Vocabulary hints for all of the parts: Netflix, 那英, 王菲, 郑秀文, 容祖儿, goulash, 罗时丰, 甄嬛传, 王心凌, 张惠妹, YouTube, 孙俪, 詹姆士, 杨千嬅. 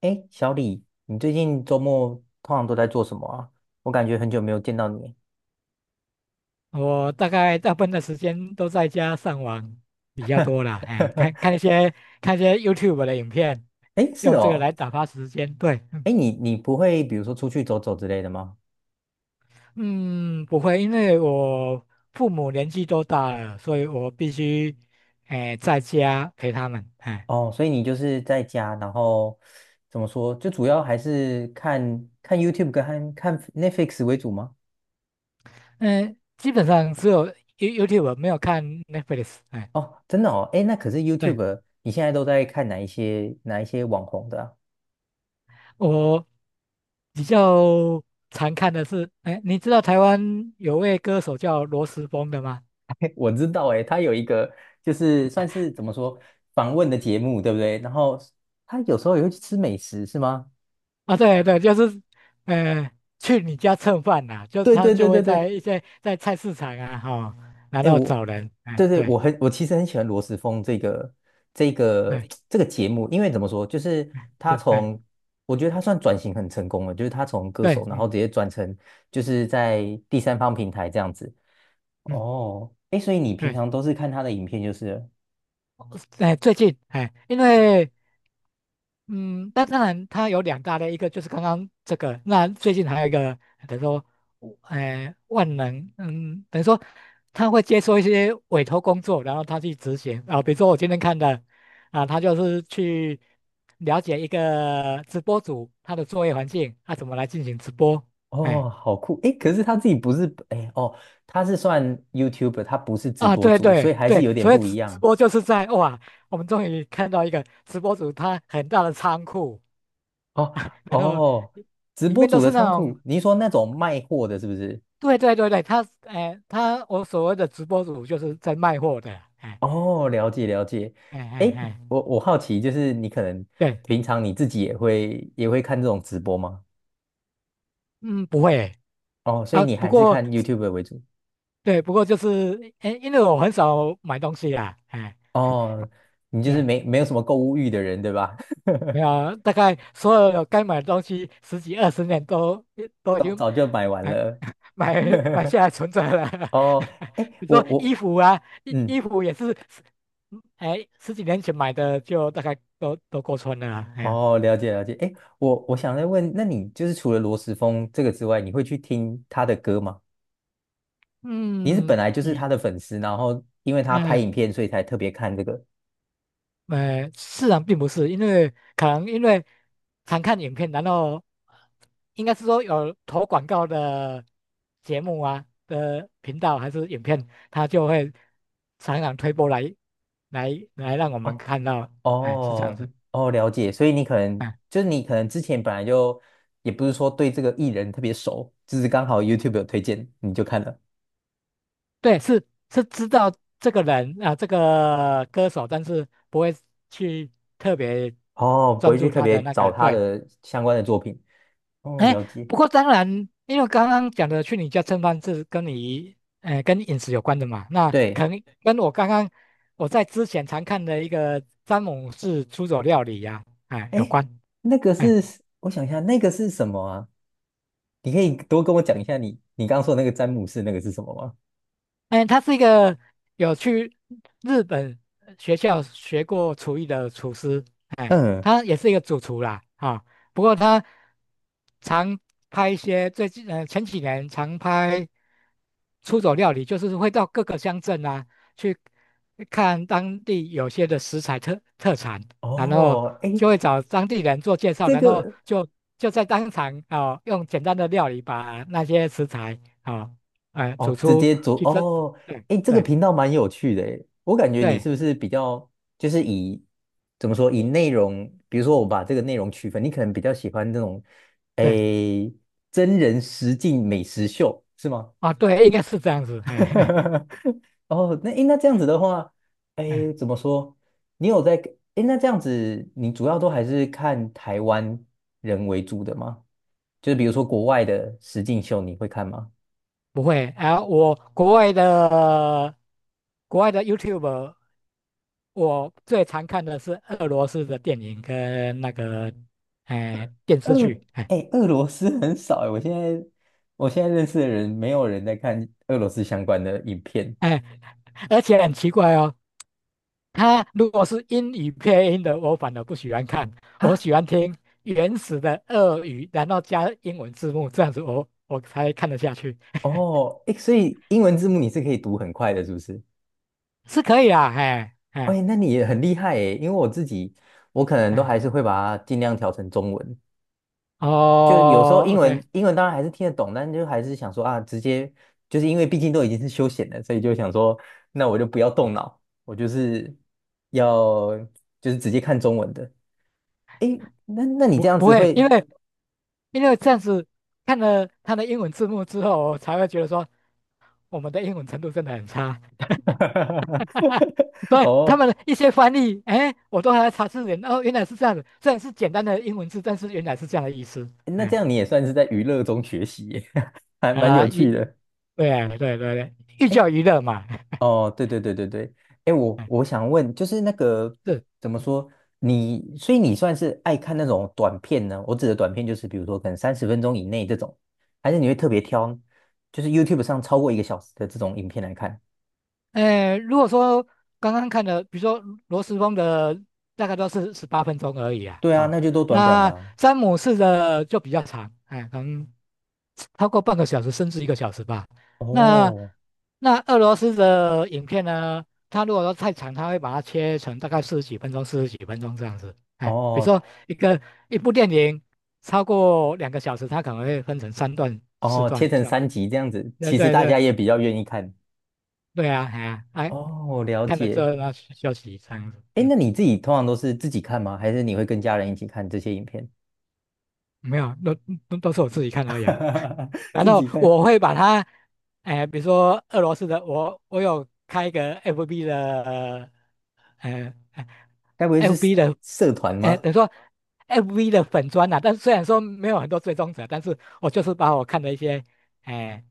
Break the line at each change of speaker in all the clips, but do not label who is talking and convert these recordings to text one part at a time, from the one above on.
哎，小李，你最近周末通常都在做什么啊？我感觉很久没有见到你。
我大概大部分的时间都在家上网比较多啦，哎，看 看一些看一些 YouTube 的影片，
哎是
用这个来
哦，
打发时间。对，嗯，
哎，你不会比如说出去走走之类的吗？
嗯不会，因为我父母年纪都大了，所以我必须在家陪他们。哎，
哦，所以你就是在家，然后怎么说，就主要还是看看 YouTube 跟看看 Netflix 为主吗？
嗯，基本上只有 YouTube 没有看 Netflix。哎，
哦，真的哦，哎，那可是
对，
YouTube，你现在都在看哪一些网红的啊？
我比较常看的是，哎，你知道台湾有位歌手叫罗时丰的吗？
我知道，哎，他有一个就是算是怎么说访问的节目，对不对？然后他有时候也会去吃美食，是吗？
啊，对对，就是，呃，去你家蹭饭呐、就
对
他
对对
就会
对
在
对，
一些在菜市场啊，哈、然
哎，
后
我
找人，哎，
对对
对，
我很我其实很喜欢罗时丰这个
哎，
这个节目，因为怎么说，就是
是，哎，
我觉得他算转型很成功了，就是他从歌
对，
手，然后
嗯
直接转成就是在第三方平台这样子。
嗯，
哦，哎，所以你平
对，
常都是看他的影片就是了。
哎，最近，哎，因为嗯，那当然，它有两大类，一个就是刚刚这个，那最近还有一个，等于说，呃，万能，嗯，等于说他会接受一些委托工作，然后他去执行啊，比如说我今天看的，啊，他就是去了解一个直播主他的作业环境，他、怎么来进行直播，哎，
哦，好酷，哎，可
嗯
是他自己不是哎哦，他是算 YouTube， 他不是直
啊，
播
对
主，所
对
以还是
对，
有点
所以
不一
直直
样。
播就是在哇，我们终于看到一个直播主他很大的仓库，
哦。
然后。
哦，直
里
播
面都
主的
是那
仓
种
库，你是说那种卖货的，是不是？
对对对对，他哎，他我所谓的直播主就是在卖货的，哎
哦，了解了解。
哎
哎，
哎哎，
我好奇，就是你可能
对，
平常你自己也会看这种直播吗？
嗯，不会
哦，所以
啊，
你
不
还是
过
看 YouTube 为主。
对，不过就是哎，因为我很少买东西啦，哎，
哦，你就是
对，
没有什么购物欲的人，对吧？
没有，大概所有该买的东西十几二十年都 已
早
经
早就买完
哎
了。
买买 下来存着了，
哦，哎，
比如
我
说衣
我
服啊，衣
嗯，
衣服也是，哎，十几年前买的就大概都过穿了啊，哎呀，
哦，了解了解。哎，我想再问，那你就是除了罗时丰这个之外，你会去听他的歌吗？你是本
嗯，
来就是他
比。
的粉丝，然后因为他拍影
嗯，
片，所以才特别看这个。
是啊，并不是，因为可能因为常看影片，然后应该是说有投广告的节目啊的频道还是影片，他就会常常推播来来让我们
哦。
看到，哎，是这样子，
哦，哦，了解。所以你可能
哎，
就是你可能之前本来就也不是说对这个艺人特别熟，就是刚好 YouTube 有推荐你就看了。
对，是知道这个人啊，这个歌手，但是不会去特别
哦，不
专
会去
注
特
他的
别
那
找
个，
他
对。
的相关的作品。哦，
哎，
了解。
不过当然，因为刚刚讲的去你家蹭饭是跟你，哎，跟饮食有关的嘛，那
对，
可能跟我刚刚我在之前常看的一个詹姆士出走料理呀、哎，有
哎，
关。
那个
哎
是我想一下，那个是什么啊？你可以多跟我讲一下你刚刚说的那个詹姆士那个是什么吗？
哎，他是一个有去日本学校学过厨艺的厨师，哎，
嗯。
他也是一个主厨啦，啊、不过他常拍一些最近前几年常拍出走料理，就是会到各个乡镇啊去看当地有些的食材特产，然后
哦，哎，
就会找当地人做介绍，
这
然后
个。
就就在当场啊、哦用简单的料理把那些食材啊、哦哎，走
哦，直
出
接做
征这
哦，
对
哎，这个
对
频道蛮有趣的诶，我感觉你
对
是不是比较就是以怎么说以内容，比如说我把这个内容区分，你可能比较喜欢那种哎
对，
真人实境美食秀是吗？
啊，对，应该是这样子，哎
哦，那哎那这样子的话，
哎，
哎怎么说？你有在哎那这样子，你主要都还是看台湾人为主的吗？就是比如说国外的实境秀，你会看吗？
不会啊，我国外的国外的 YouTube,我最常看的是俄罗斯的电影跟那个哎电视
俄，
剧，哎
哎，俄罗斯很少哎，我现在认识的人，没有人在看俄罗斯相关的影片
哎，而且很奇怪哦，它如果是英语配音的，我反而不喜欢看，我
啊。
喜欢听原始的俄语，然后加英文字幕，这样子我才看得下去，
哦，哎，所以英文字幕你是可以读很快的，是不是？
是可以啊，哎。哎
哎，那你也很厉害哎，因为我自己我可能都
哎，
还是会把它尽量调成中文，就有时候
哦
英
，OK,
文英文当然还是听得懂，但就还是想说啊，直接就是因为毕竟都已经是休闲了，所以就想说，那我就不要动脑，我就是要就是直接看中文的。诶，那那你
不
这样
不
子
会，因
会
为因为这样子看了他的英文字幕之后，我才会觉得说我们的英文程度真的很差，所以他
哦，
们的一些翻译，哎，我都还在查字典，哦，原来是这样子，虽然是简单的英文字，但是原来是这样的意思，
那这
哎，
样你也算是在娱乐中学习耶，还蛮有
啊，
趣
一，
的。
对对对对，寓
哎，
教于乐嘛，
哦，对对对对对，哎，我
哎，
我想问，就是那个
是。
怎么说，你所以你算是爱看那种短片呢？我指的短片就是比如说可能30分钟以内这种，还是你会特别挑，就是 YouTube 上超过一个小时的这种影片来看？
哎，如果说刚刚看的，比如说罗斯峰的大概都是18分钟而已啊，
对啊，
啊、
那就都短短的
那
啊。
詹姆士的就比较长，哎，可能超过半个小时甚至一个小时吧。那
哦。
那俄罗斯的影片呢，它如果说太长，它会把它切成大概四十几分钟、四十几分钟这样子。哎，比如
哦。
说一个一部电影超过两个小时，它可能会分成三段、四
哦，切
段
成
这样
三
子。
集这样子，
对
其实
对
大
对
家也比较愿意看。
对啊，哎呀，哎
哦，了
看了之
解。
后呢去休息这样子，
哎，
嗯，
那你自己通常都是自己看吗？还是你会跟家人一起看这些影片？
没有，都是我自己看而已啊。然
自
后
己看，
我会把它，哎、比如说俄罗斯的，我有开一个 FB 的，呃
该不会是
，FB 的，
社团
哎、
吗？
等于说 FB 的粉砖呐、啊，但是虽然说没有很多追踪者，但是我就是把我看的一些，哎、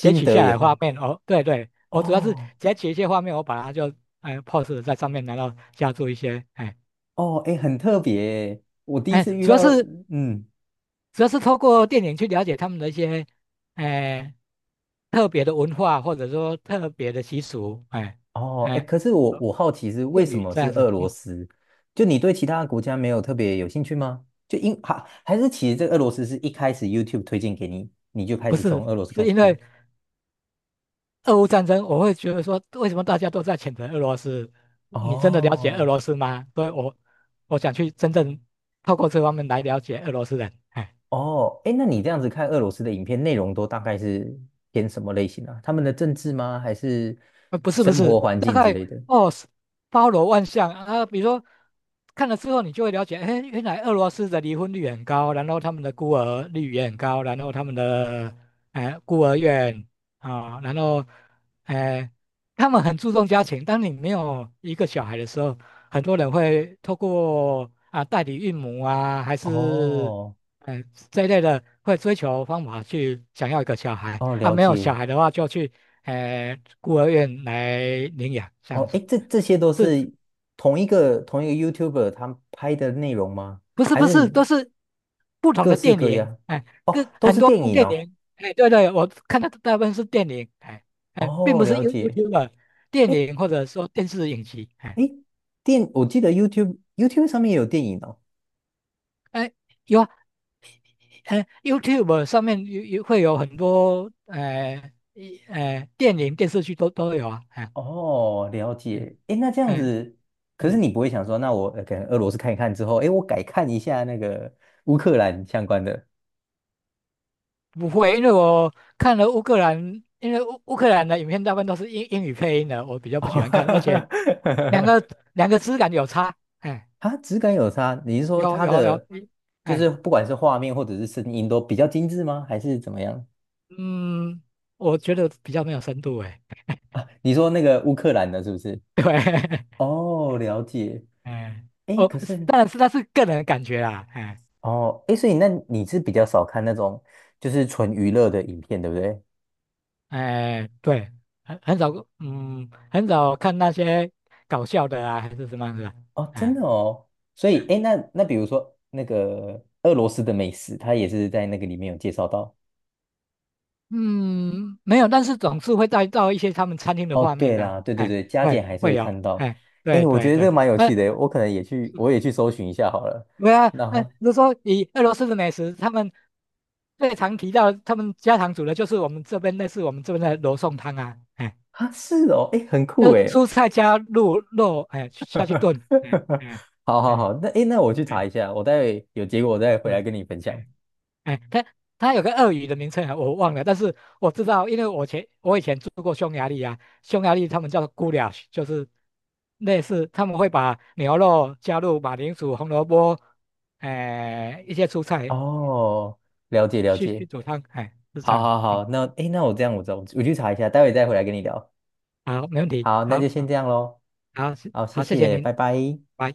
截取
得
下
也
来画
放？
面，哦，对对，我主要是
哦。
截取一些画面，我把它就哎、post 在上面，然后加做一些，哎、
哦，哎，很特别耶我第一
哎，
次遇
主要
到。
是
嗯。
主要是透过电影去了解他们的一些，哎、特别的文化或者说特别的习俗，哎、
哦，哎，
哎、
可是我好奇是为
谚
什
语
么
这
是
样子。
俄罗
嗯，
斯？就你对其他国家没有特别有兴趣吗？就因还还是其实这个俄罗斯是一开始 YouTube 推荐给你，你就开
不
始
是，
从俄罗斯
是
开始
因
看？
为俄乌战争，我会觉得说，为什么大家都在谴责俄罗斯？你真的了解俄
哦。
罗斯吗？所以我想去真正透过这方面来了解俄罗斯人。哎
哦，哎，那你这样子看俄罗斯的影片，内容都大概是偏什么类型啊？他们的政治吗？还是
不是不
生
是，
活环
大
境之
概
类的？
哦，是包罗万象啊。比如说，看了之后，你就会了解，哎，原来俄罗斯的离婚率很高，然后他们的孤儿率也很高，然后他们的哎孤儿院啊、然后呃，他们很注重家庭。当你没有一个小孩的时候，很多人会透过啊代理孕母啊，还是
哦。
呃这一类的，会追求方法去想要一个小孩
哦，
啊。
了
没有
解。
小孩的话，就去。哎，孤儿院来领养这样
哦，
子，
哎，这这些都
是
是同一个同一个 YouTuber 他拍的内容吗？
不是
还
不
是
是都是不同
各
的
式
电
各
影？
样？
哎，
哦，
跟
都
很
是
多
电
部
影
电
哦。
影，哎，对对，我看到大部分是电影，哎哎，并
哦，
不是
了 解。
YouTube 电
哎
影或者说电视影集，哎
哎，我记得 YouTube 上面也有电影哦。
哎有啊，YouTube 上面有会有很多哎一电影电视剧都有啊，哎
哦，了
嗯
解。诶，那这样
哎
子，可是你
嗯。
不会想说，那我呃可能俄罗斯看一看之后，诶，我改看一下那个乌克兰相关的。
不会，因为我看了乌克兰，因为乌克兰的影片大部分都是英语配音的，我比较不喜欢看，而且两个 两个质感有差，哎，
它质感有差，你是说
有
它
有有，
的就是
哎，
不管是画面或者是声音都比较精致吗？还是怎么样
嗯，我觉得比较没有深度，哎，
啊？你说那个乌克兰的是不是？
对，
哦，了解。
哎，
诶，
哦，
可是
当然是那是个人的感觉啦，哎
哦，诶，所以那你是比较少看那种就是纯娱乐的影片，对不对？
哎，对，很很少，嗯，很少看那些搞笑的啊，还是什么样子的，
哦，真
哎
的哦，所以
嗯。
哎诶，那那比如说那个俄罗斯的美食，它也是在那个里面有介绍到。
嗯，没有，但是总是会带到一些他们餐厅的
哦，
画面
对
呐、
啦，对对
哎，
对，加
会
减还是会
会有，
看到。
哎，对
哎，我
对
觉得这
对，
个蛮有
哎，
趣
对
的，我可能也去，我也去搜寻一下好了。
啊，哎，
那
如果说以俄罗斯的美食，他们最常提到他们家常煮的就是我们这边类似我们这边的罗宋汤啊，哎，
啊，是哦，哎，很
就
酷
是
哎。
蔬菜加入肉，哎，下去 炖，嗯嗯
好好
嗯
好，那哎诶，那我去查
嗯，
一下，我待会有结果我再回来
对，
跟你分享。
哎，它有个鳄鱼的名称啊，我忘了，但是我知道，因为我以前住过匈牙利啊，匈牙利他们叫做 goulash,就是类似他们会把牛肉加入马铃薯、红萝卜，哎、一些蔬菜
哦，了解
去
了
去
解，
去煮汤，哎，是这
好
样，
好
嗯，
好，那哎诶，那我这样我走，我去查一下，待会再回来跟你聊。
好，没问题，
好，那就
好，
先
好，
这样喽。
好，谢
好，谢
好谢谢
谢，
您，
拜拜。
拜。